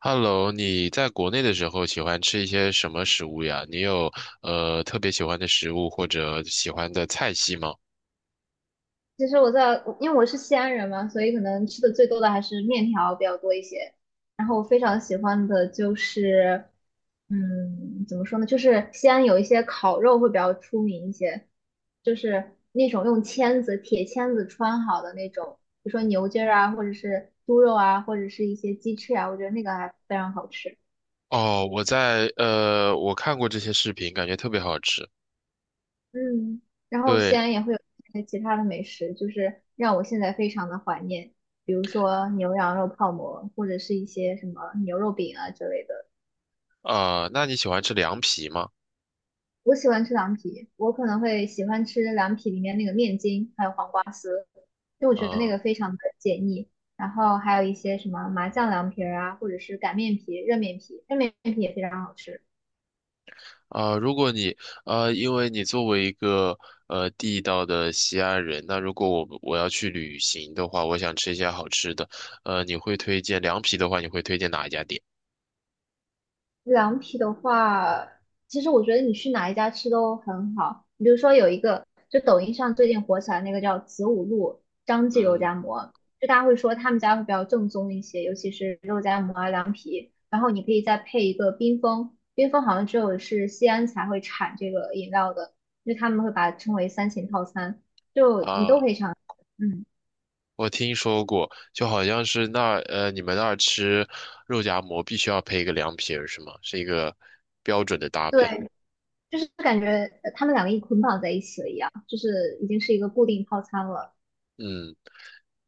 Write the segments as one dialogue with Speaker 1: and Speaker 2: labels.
Speaker 1: Hello，你在国内的时候喜欢吃一些什么食物呀？你有特别喜欢的食物或者喜欢的菜系吗？
Speaker 2: 其实因为我是西安人嘛，所以可能吃的最多的还是面条比较多一些。然后我非常喜欢的就是，怎么说呢？就是西安有一些烤肉会比较出名一些，就是那种用签子、铁签子穿好的那种，比如说牛筋儿啊，或者是猪肉啊，或者是一些鸡翅啊，我觉得那个还非常好吃。
Speaker 1: 哦，我在我看过这些视频，感觉特别好吃。
Speaker 2: 嗯，然后西
Speaker 1: 对，
Speaker 2: 安也会有一些其他的美食，就是让我现在非常的怀念，比如说牛羊肉泡馍，或者是一些什么牛肉饼啊之类的。
Speaker 1: 那你喜欢吃凉皮吗？
Speaker 2: 我喜欢吃凉皮，我可能会喜欢吃凉皮里面那个面筋，还有黄瓜丝，因为我觉得那
Speaker 1: 嗯、
Speaker 2: 个非常的解腻。然后还有一些什么麻酱凉皮儿啊，或者是擀面皮、热面皮，热面皮也非常好吃。
Speaker 1: 呃，如果你呃，因为你作为一个地道的西安人，那如果我要去旅行的话，我想吃一些好吃的，你会推荐凉皮的话，你会推荐哪一家店？
Speaker 2: 凉皮的话，其实我觉得你去哪一家吃都很好。比如说有一个，就抖音上最近火起来那个叫子午路张记肉
Speaker 1: 嗯
Speaker 2: 夹馍，就大家会说他们家会比较正宗一些，尤其是肉夹馍啊、凉皮。然后你可以再配一个冰峰，冰峰好像只有是西安才会产这个饮料的，因为他们会把它称为三秦套餐，就你都可
Speaker 1: 啊。
Speaker 2: 以尝试。嗯，
Speaker 1: 我听说过，就好像是那儿你们那儿吃肉夹馍必须要配一个凉皮儿，是吗？是一个标准的搭
Speaker 2: 对，
Speaker 1: 配。
Speaker 2: 就是感觉他们两个一捆绑在一起了一样，就是已经是一个固定套餐了。
Speaker 1: 嗯，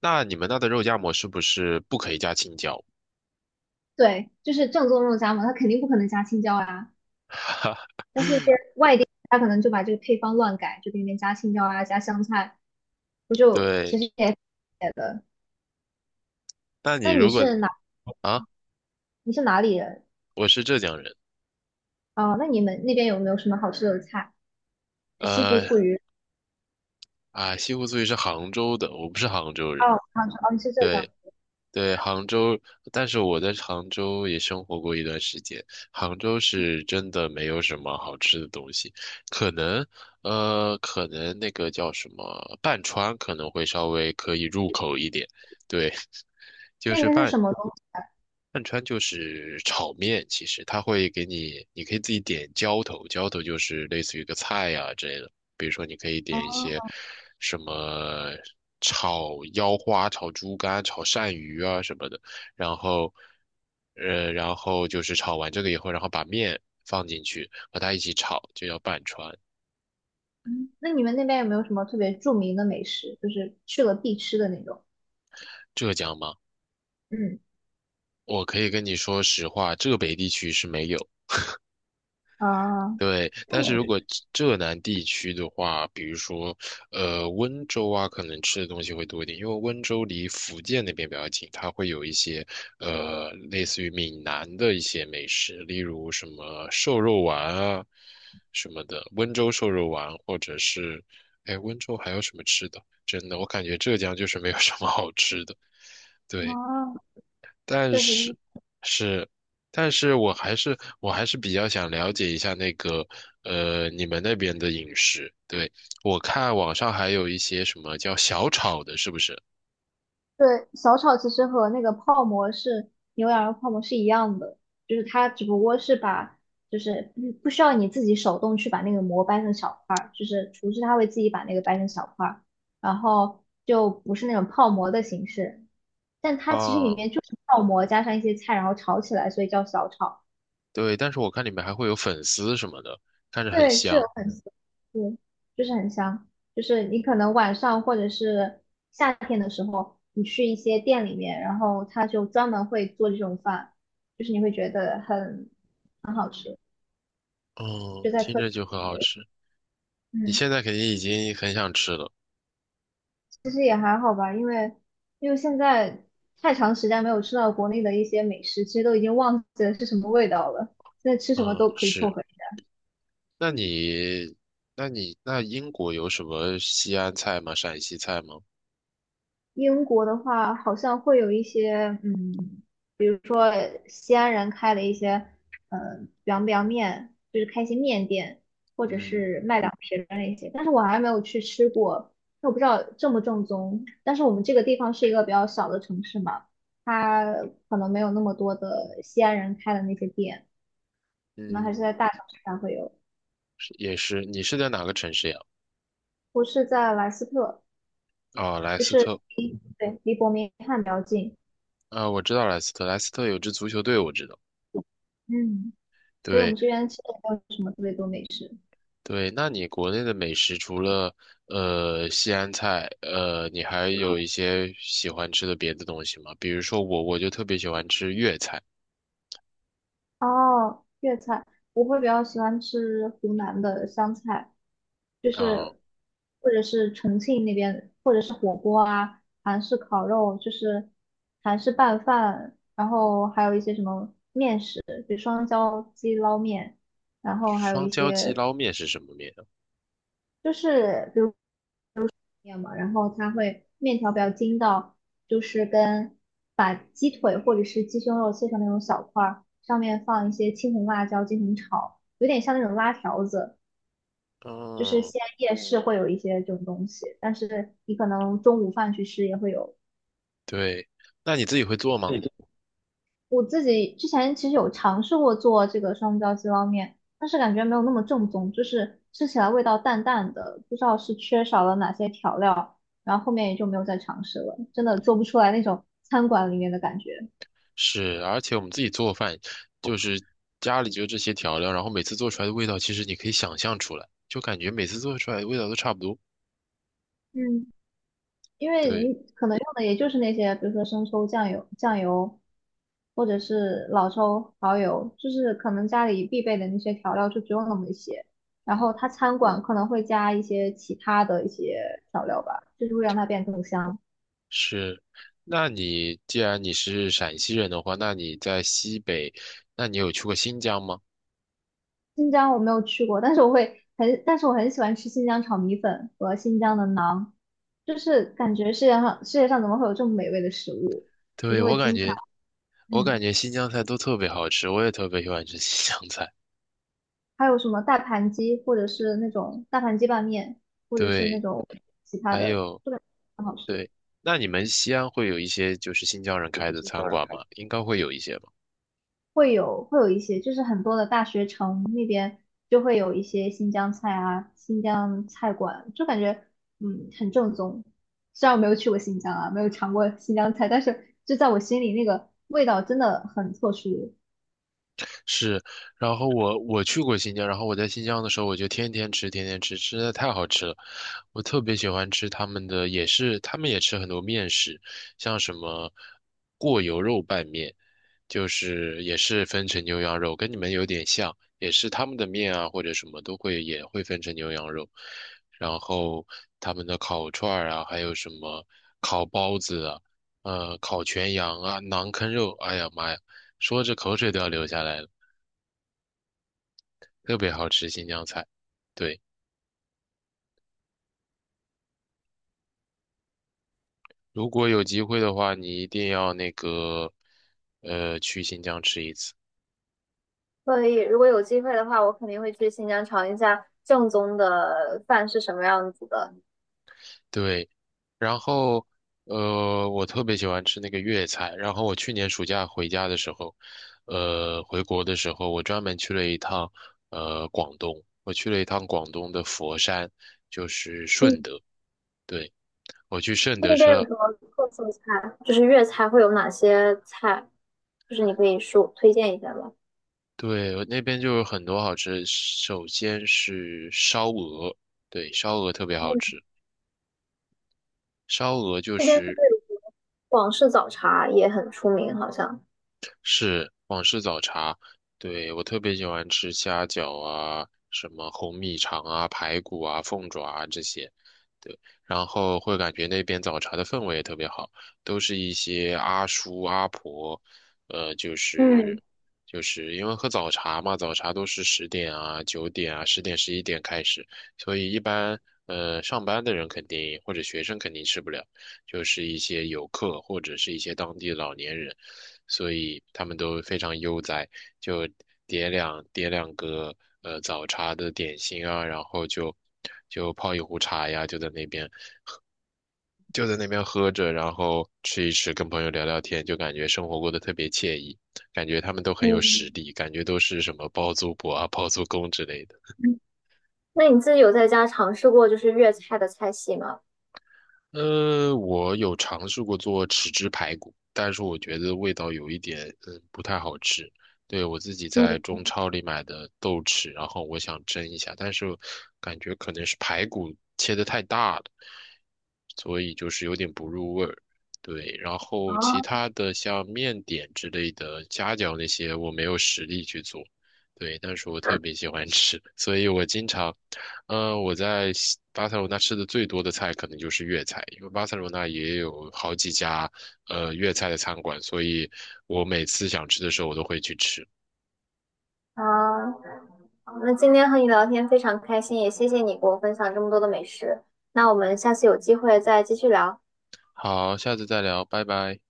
Speaker 1: 那你们那的肉夹馍是不是不可以加青椒？
Speaker 2: 对，就是正宗肉夹馍，它肯定不可能加青椒啊。但是，一些外地他可能就把这个配方乱改，就给里面加青椒啊，加香菜，我就其
Speaker 1: 对，
Speaker 2: 实也的。
Speaker 1: 那你
Speaker 2: 那你
Speaker 1: 如果
Speaker 2: 是哪？
Speaker 1: 啊，
Speaker 2: 你是哪里人？
Speaker 1: 我是浙江人，
Speaker 2: 哦，那你们那边有没有什么好吃的菜？西湖
Speaker 1: 呃，
Speaker 2: 醋鱼。
Speaker 1: 啊，西湖醋鱼是杭州的，我不是杭州
Speaker 2: 哦，
Speaker 1: 人。
Speaker 2: 杭州，哦，你是浙江
Speaker 1: 对，
Speaker 2: 的，
Speaker 1: 对，杭州，但是我在杭州也生活过一段时间。杭州是真的没有什么好吃的东西，可能，可能那个叫什么，半川可能会稍微可以入口一点。对，就
Speaker 2: 那
Speaker 1: 是
Speaker 2: 个是
Speaker 1: 半
Speaker 2: 什么东西？
Speaker 1: 饭川就是炒面，其实它会给你，你可以自己点浇头，浇头就是类似于一个菜呀、之类的。比如说，你可以
Speaker 2: 哦，
Speaker 1: 点一些什么炒腰花、炒猪肝、炒鳝鱼啊什么的。然后，然后就是炒完这个以后，然后把面放进去，和它一起炒，就叫拌川。
Speaker 2: 嗯那你们那边有没有什么特别著名的美食，就是去了必吃的那种？
Speaker 1: 浙江吗？
Speaker 2: 嗯，
Speaker 1: 我可以跟你说实话，浙北地区是没有。
Speaker 2: 啊，
Speaker 1: 对，
Speaker 2: 那
Speaker 1: 但是如
Speaker 2: 你，
Speaker 1: 果浙南地区的话，比如说，温州啊，可能吃的东西会多一点，因为温州离福建那边比较近，它会有一些，类似于闽南的一些美食，例如什么瘦肉丸啊，什么的，温州瘦肉丸，或者是，哎，温州还有什么吃的？真的，我感觉浙江就是没有什么好吃的。对，
Speaker 2: 啊。哦，
Speaker 1: 但
Speaker 2: 确实
Speaker 1: 是
Speaker 2: 是
Speaker 1: 是，但是我还是比较想了解一下那个你们那边的饮食。对，我看网上还有一些什么叫小炒的，是不是？
Speaker 2: 对，小炒其实和那个泡馍是牛羊肉泡馍是一样的，就是它只不过是把，就是不需要你自己手动去把那个馍掰成小块儿，就是厨师他会自己把那个掰成小块儿，然后就不是那种泡馍的形式，但它其实里
Speaker 1: 啊，
Speaker 2: 面就是泡馍加上一些菜，然后炒起来，所以叫小炒。
Speaker 1: 对，但是我看里面还会有粉丝什么的，看着很
Speaker 2: 对，是有
Speaker 1: 香。
Speaker 2: 很香，嗯，就是很香。就是你可能晚上或者是夏天的时候，你去一些店里面，然后他就专门会做这种饭，就是你会觉得很好吃，
Speaker 1: 嗯，
Speaker 2: 就在特
Speaker 1: 听
Speaker 2: 定
Speaker 1: 着就很好
Speaker 2: 的节日。
Speaker 1: 吃。你
Speaker 2: 嗯，
Speaker 1: 现在肯定已经很想吃了。
Speaker 2: 其实也还好吧，因为因为现在太长时间没有吃到国内的一些美食，其实都已经忘记了是什么味道了，现在吃什么都
Speaker 1: 嗯，
Speaker 2: 可以凑
Speaker 1: 是。
Speaker 2: 合。
Speaker 1: 那你，那英国有什么西安菜吗？陕西菜吗？
Speaker 2: 英国的话，好像会有一些，比如说西安人开的一些，呃，凉面，就是开一些面店，或者
Speaker 1: 嗯
Speaker 2: 是卖凉皮儿的那些，但是我还没有去吃过，那我不知道正不正宗。但是我们这个地方是一个比较小的城市嘛，它可能没有那么多的西安人开的那些店，可能还是
Speaker 1: 嗯，
Speaker 2: 在大城市才会有。
Speaker 1: 也是，你是在哪个城市呀？
Speaker 2: 我是在莱斯特，
Speaker 1: 啊，莱
Speaker 2: 就
Speaker 1: 斯
Speaker 2: 是
Speaker 1: 特
Speaker 2: 离伯明翰比较近。
Speaker 1: 啊，我知道莱斯特，莱斯特有支足球队，我知道。
Speaker 2: 嗯，所以我
Speaker 1: 对
Speaker 2: 们这边其实没有什么特别多美食。
Speaker 1: 对，那你国内的美食除了西安菜，你还有一些喜欢吃的别的东西吗？比如说我就特别喜欢吃粤菜
Speaker 2: 哦，粤菜，我会比较喜欢吃湖南的湘菜，就
Speaker 1: 啊，
Speaker 2: 是或者是重庆那边，或者是火锅啊，韩式烤肉，就是韩式拌饭，然后还有一些什么面食，比如双椒鸡捞面，然后还有
Speaker 1: 双
Speaker 2: 一
Speaker 1: 椒鸡
Speaker 2: 些。
Speaker 1: 捞面是什么面啊？
Speaker 2: 就是比如。面嘛，然后它会面条比较筋道，就是跟把鸡腿或者是鸡胸肉切成那种小块儿，上面放一些青红辣椒进行炒，有点像那种拉条子，就是
Speaker 1: 嗯，
Speaker 2: 西安夜市会有一些这种东西，但是你可能中午饭去吃也会有。
Speaker 1: 对，那你自己会做吗？
Speaker 2: 我自己之前其实有尝试过做这个双椒鸡捞面，但是感觉没有那么正宗，就是吃起来味道淡淡的，不知道是缺少了哪些调料，然后后面也就没有再尝试了，真的做不出来那种餐馆里面的感觉。
Speaker 1: 是，而且我们自己做饭，就是家里就这些调料，然后每次做出来的味道，其实你可以想象出来，就感觉每次做出来的味道都差不多。
Speaker 2: 嗯。因为
Speaker 1: 对，
Speaker 2: 你可能用的也就是那些，比如说生抽、酱油、酱油，或者是老抽、蚝油，就是可能家里必备的那些调料就只有那么一些。然后
Speaker 1: 嗯，
Speaker 2: 它餐馆可能会加一些其他的一些调料吧，就是会让它变得更香。
Speaker 1: 是。那你既然你是陕西人的话，那你在西北，那你有去过新疆吗？
Speaker 2: 新疆我没有去过，但是我会很，但是我很喜欢吃新疆炒米粉和新疆的馕，就是感觉世界上怎么会有这么美味的食物，我
Speaker 1: 对，
Speaker 2: 就会
Speaker 1: 我感
Speaker 2: 经常。
Speaker 1: 觉，我
Speaker 2: 嗯。
Speaker 1: 感觉新疆菜都特别好吃，我也特别喜欢吃新疆菜。
Speaker 2: 还有什么大盘鸡，或者是那种大盘鸡拌面，或者是那
Speaker 1: 对，
Speaker 2: 种其他
Speaker 1: 还
Speaker 2: 的，
Speaker 1: 有，
Speaker 2: 这个很好吃。
Speaker 1: 对，那你们西安会有一些就是新疆人开的餐馆吗？应该会有一些吧。
Speaker 2: 会有一些，就是很多的大学城那边就会有一些新疆菜啊，新疆菜馆，就感觉很正宗。虽然我没有去过新疆啊，没有尝过新疆菜，但是就在我心里那个味道真的很特殊。
Speaker 1: 是，然后我去过新疆，然后我在新疆的时候，我就天天吃，天天吃，吃的太好吃了。我特别喜欢吃他们的，也是他们也吃很多面食，像什么过油肉拌面，就是也是分成牛羊肉，跟你们有点像，也是他们的面啊或者什么都会也会分成牛羊肉，然后他们的烤串儿啊，还有什么烤包子啊，烤全羊啊，馕坑肉，哎呀妈呀！说着口水都要流下来了。特别好吃新疆菜。对，如果有机会的话，你一定要那个，去新疆吃一次。
Speaker 2: 所以，如果有机会的话，我肯定会去新疆尝一下正宗的饭是什么样子的。
Speaker 1: 对，然后，我特别喜欢吃那个粤菜。然后我去年暑假回家的时候，回国的时候，我专门去了一趟，广东。我去了一趟广东的佛山，就是顺
Speaker 2: 嗯。
Speaker 1: 德。对，我去顺德
Speaker 2: 那
Speaker 1: 吃
Speaker 2: 边有什
Speaker 1: 了。
Speaker 2: 么特色菜？就是粤菜会有哪些菜？就是你可以说推荐一下吧。
Speaker 1: 对，我那边就有很多好吃的，首先是烧鹅，对，烧鹅特别好
Speaker 2: 嗯
Speaker 1: 吃。烧鹅就
Speaker 2: 那边是不
Speaker 1: 是
Speaker 2: 是有什么广式早茶也很出名？好像。
Speaker 1: 是广式早茶，对，我特别喜欢吃虾饺啊，什么红米肠啊、排骨啊、凤爪啊这些，对，然后会感觉那边早茶的氛围也特别好，都是一些阿叔阿婆，就
Speaker 2: 嗯
Speaker 1: 是就是因为喝早茶嘛，早茶都是十点啊、九点啊、十点、十一点开始，所以一般上班的人肯定或者学生肯定吃不了，就是一些游客或者是一些当地老年人。所以他们都非常悠哉，就叠两个早茶的点心啊，然后就泡一壶茶呀，就在那边喝着，然后吃一吃，跟朋友聊聊天，就感觉生活过得特别惬意，感觉他们都很有实
Speaker 2: 嗯
Speaker 1: 力，感觉都是什么包租婆啊、包租公之类的。
Speaker 2: 嗯那你自己有在家尝试过就是粤菜的菜系吗？
Speaker 1: 我有尝试过做豉汁排骨，但是我觉得味道有一点，嗯，不太好吃。对，我自己在
Speaker 2: 嗯，
Speaker 1: 中超里买的豆豉，然后我想蒸一下，但是感觉可能是排骨切得太大了，所以就是有点不入味儿。对，然后其
Speaker 2: 哦，
Speaker 1: 他的像面点之类的夹饺那些，我没有实力去做。对，但是我特别喜欢吃，所以我经常嗯，我在西巴塞罗那吃的最多的菜可能就是粤菜，因为巴塞罗那也有好几家粤菜的餐馆，所以我每次想吃的时候我都会去吃。
Speaker 2: 啊，好那今天和你聊天非常开心，也谢谢你给我分享这么多的美食。那我们下次有机会再继续聊。
Speaker 1: 好，下次再聊，拜拜。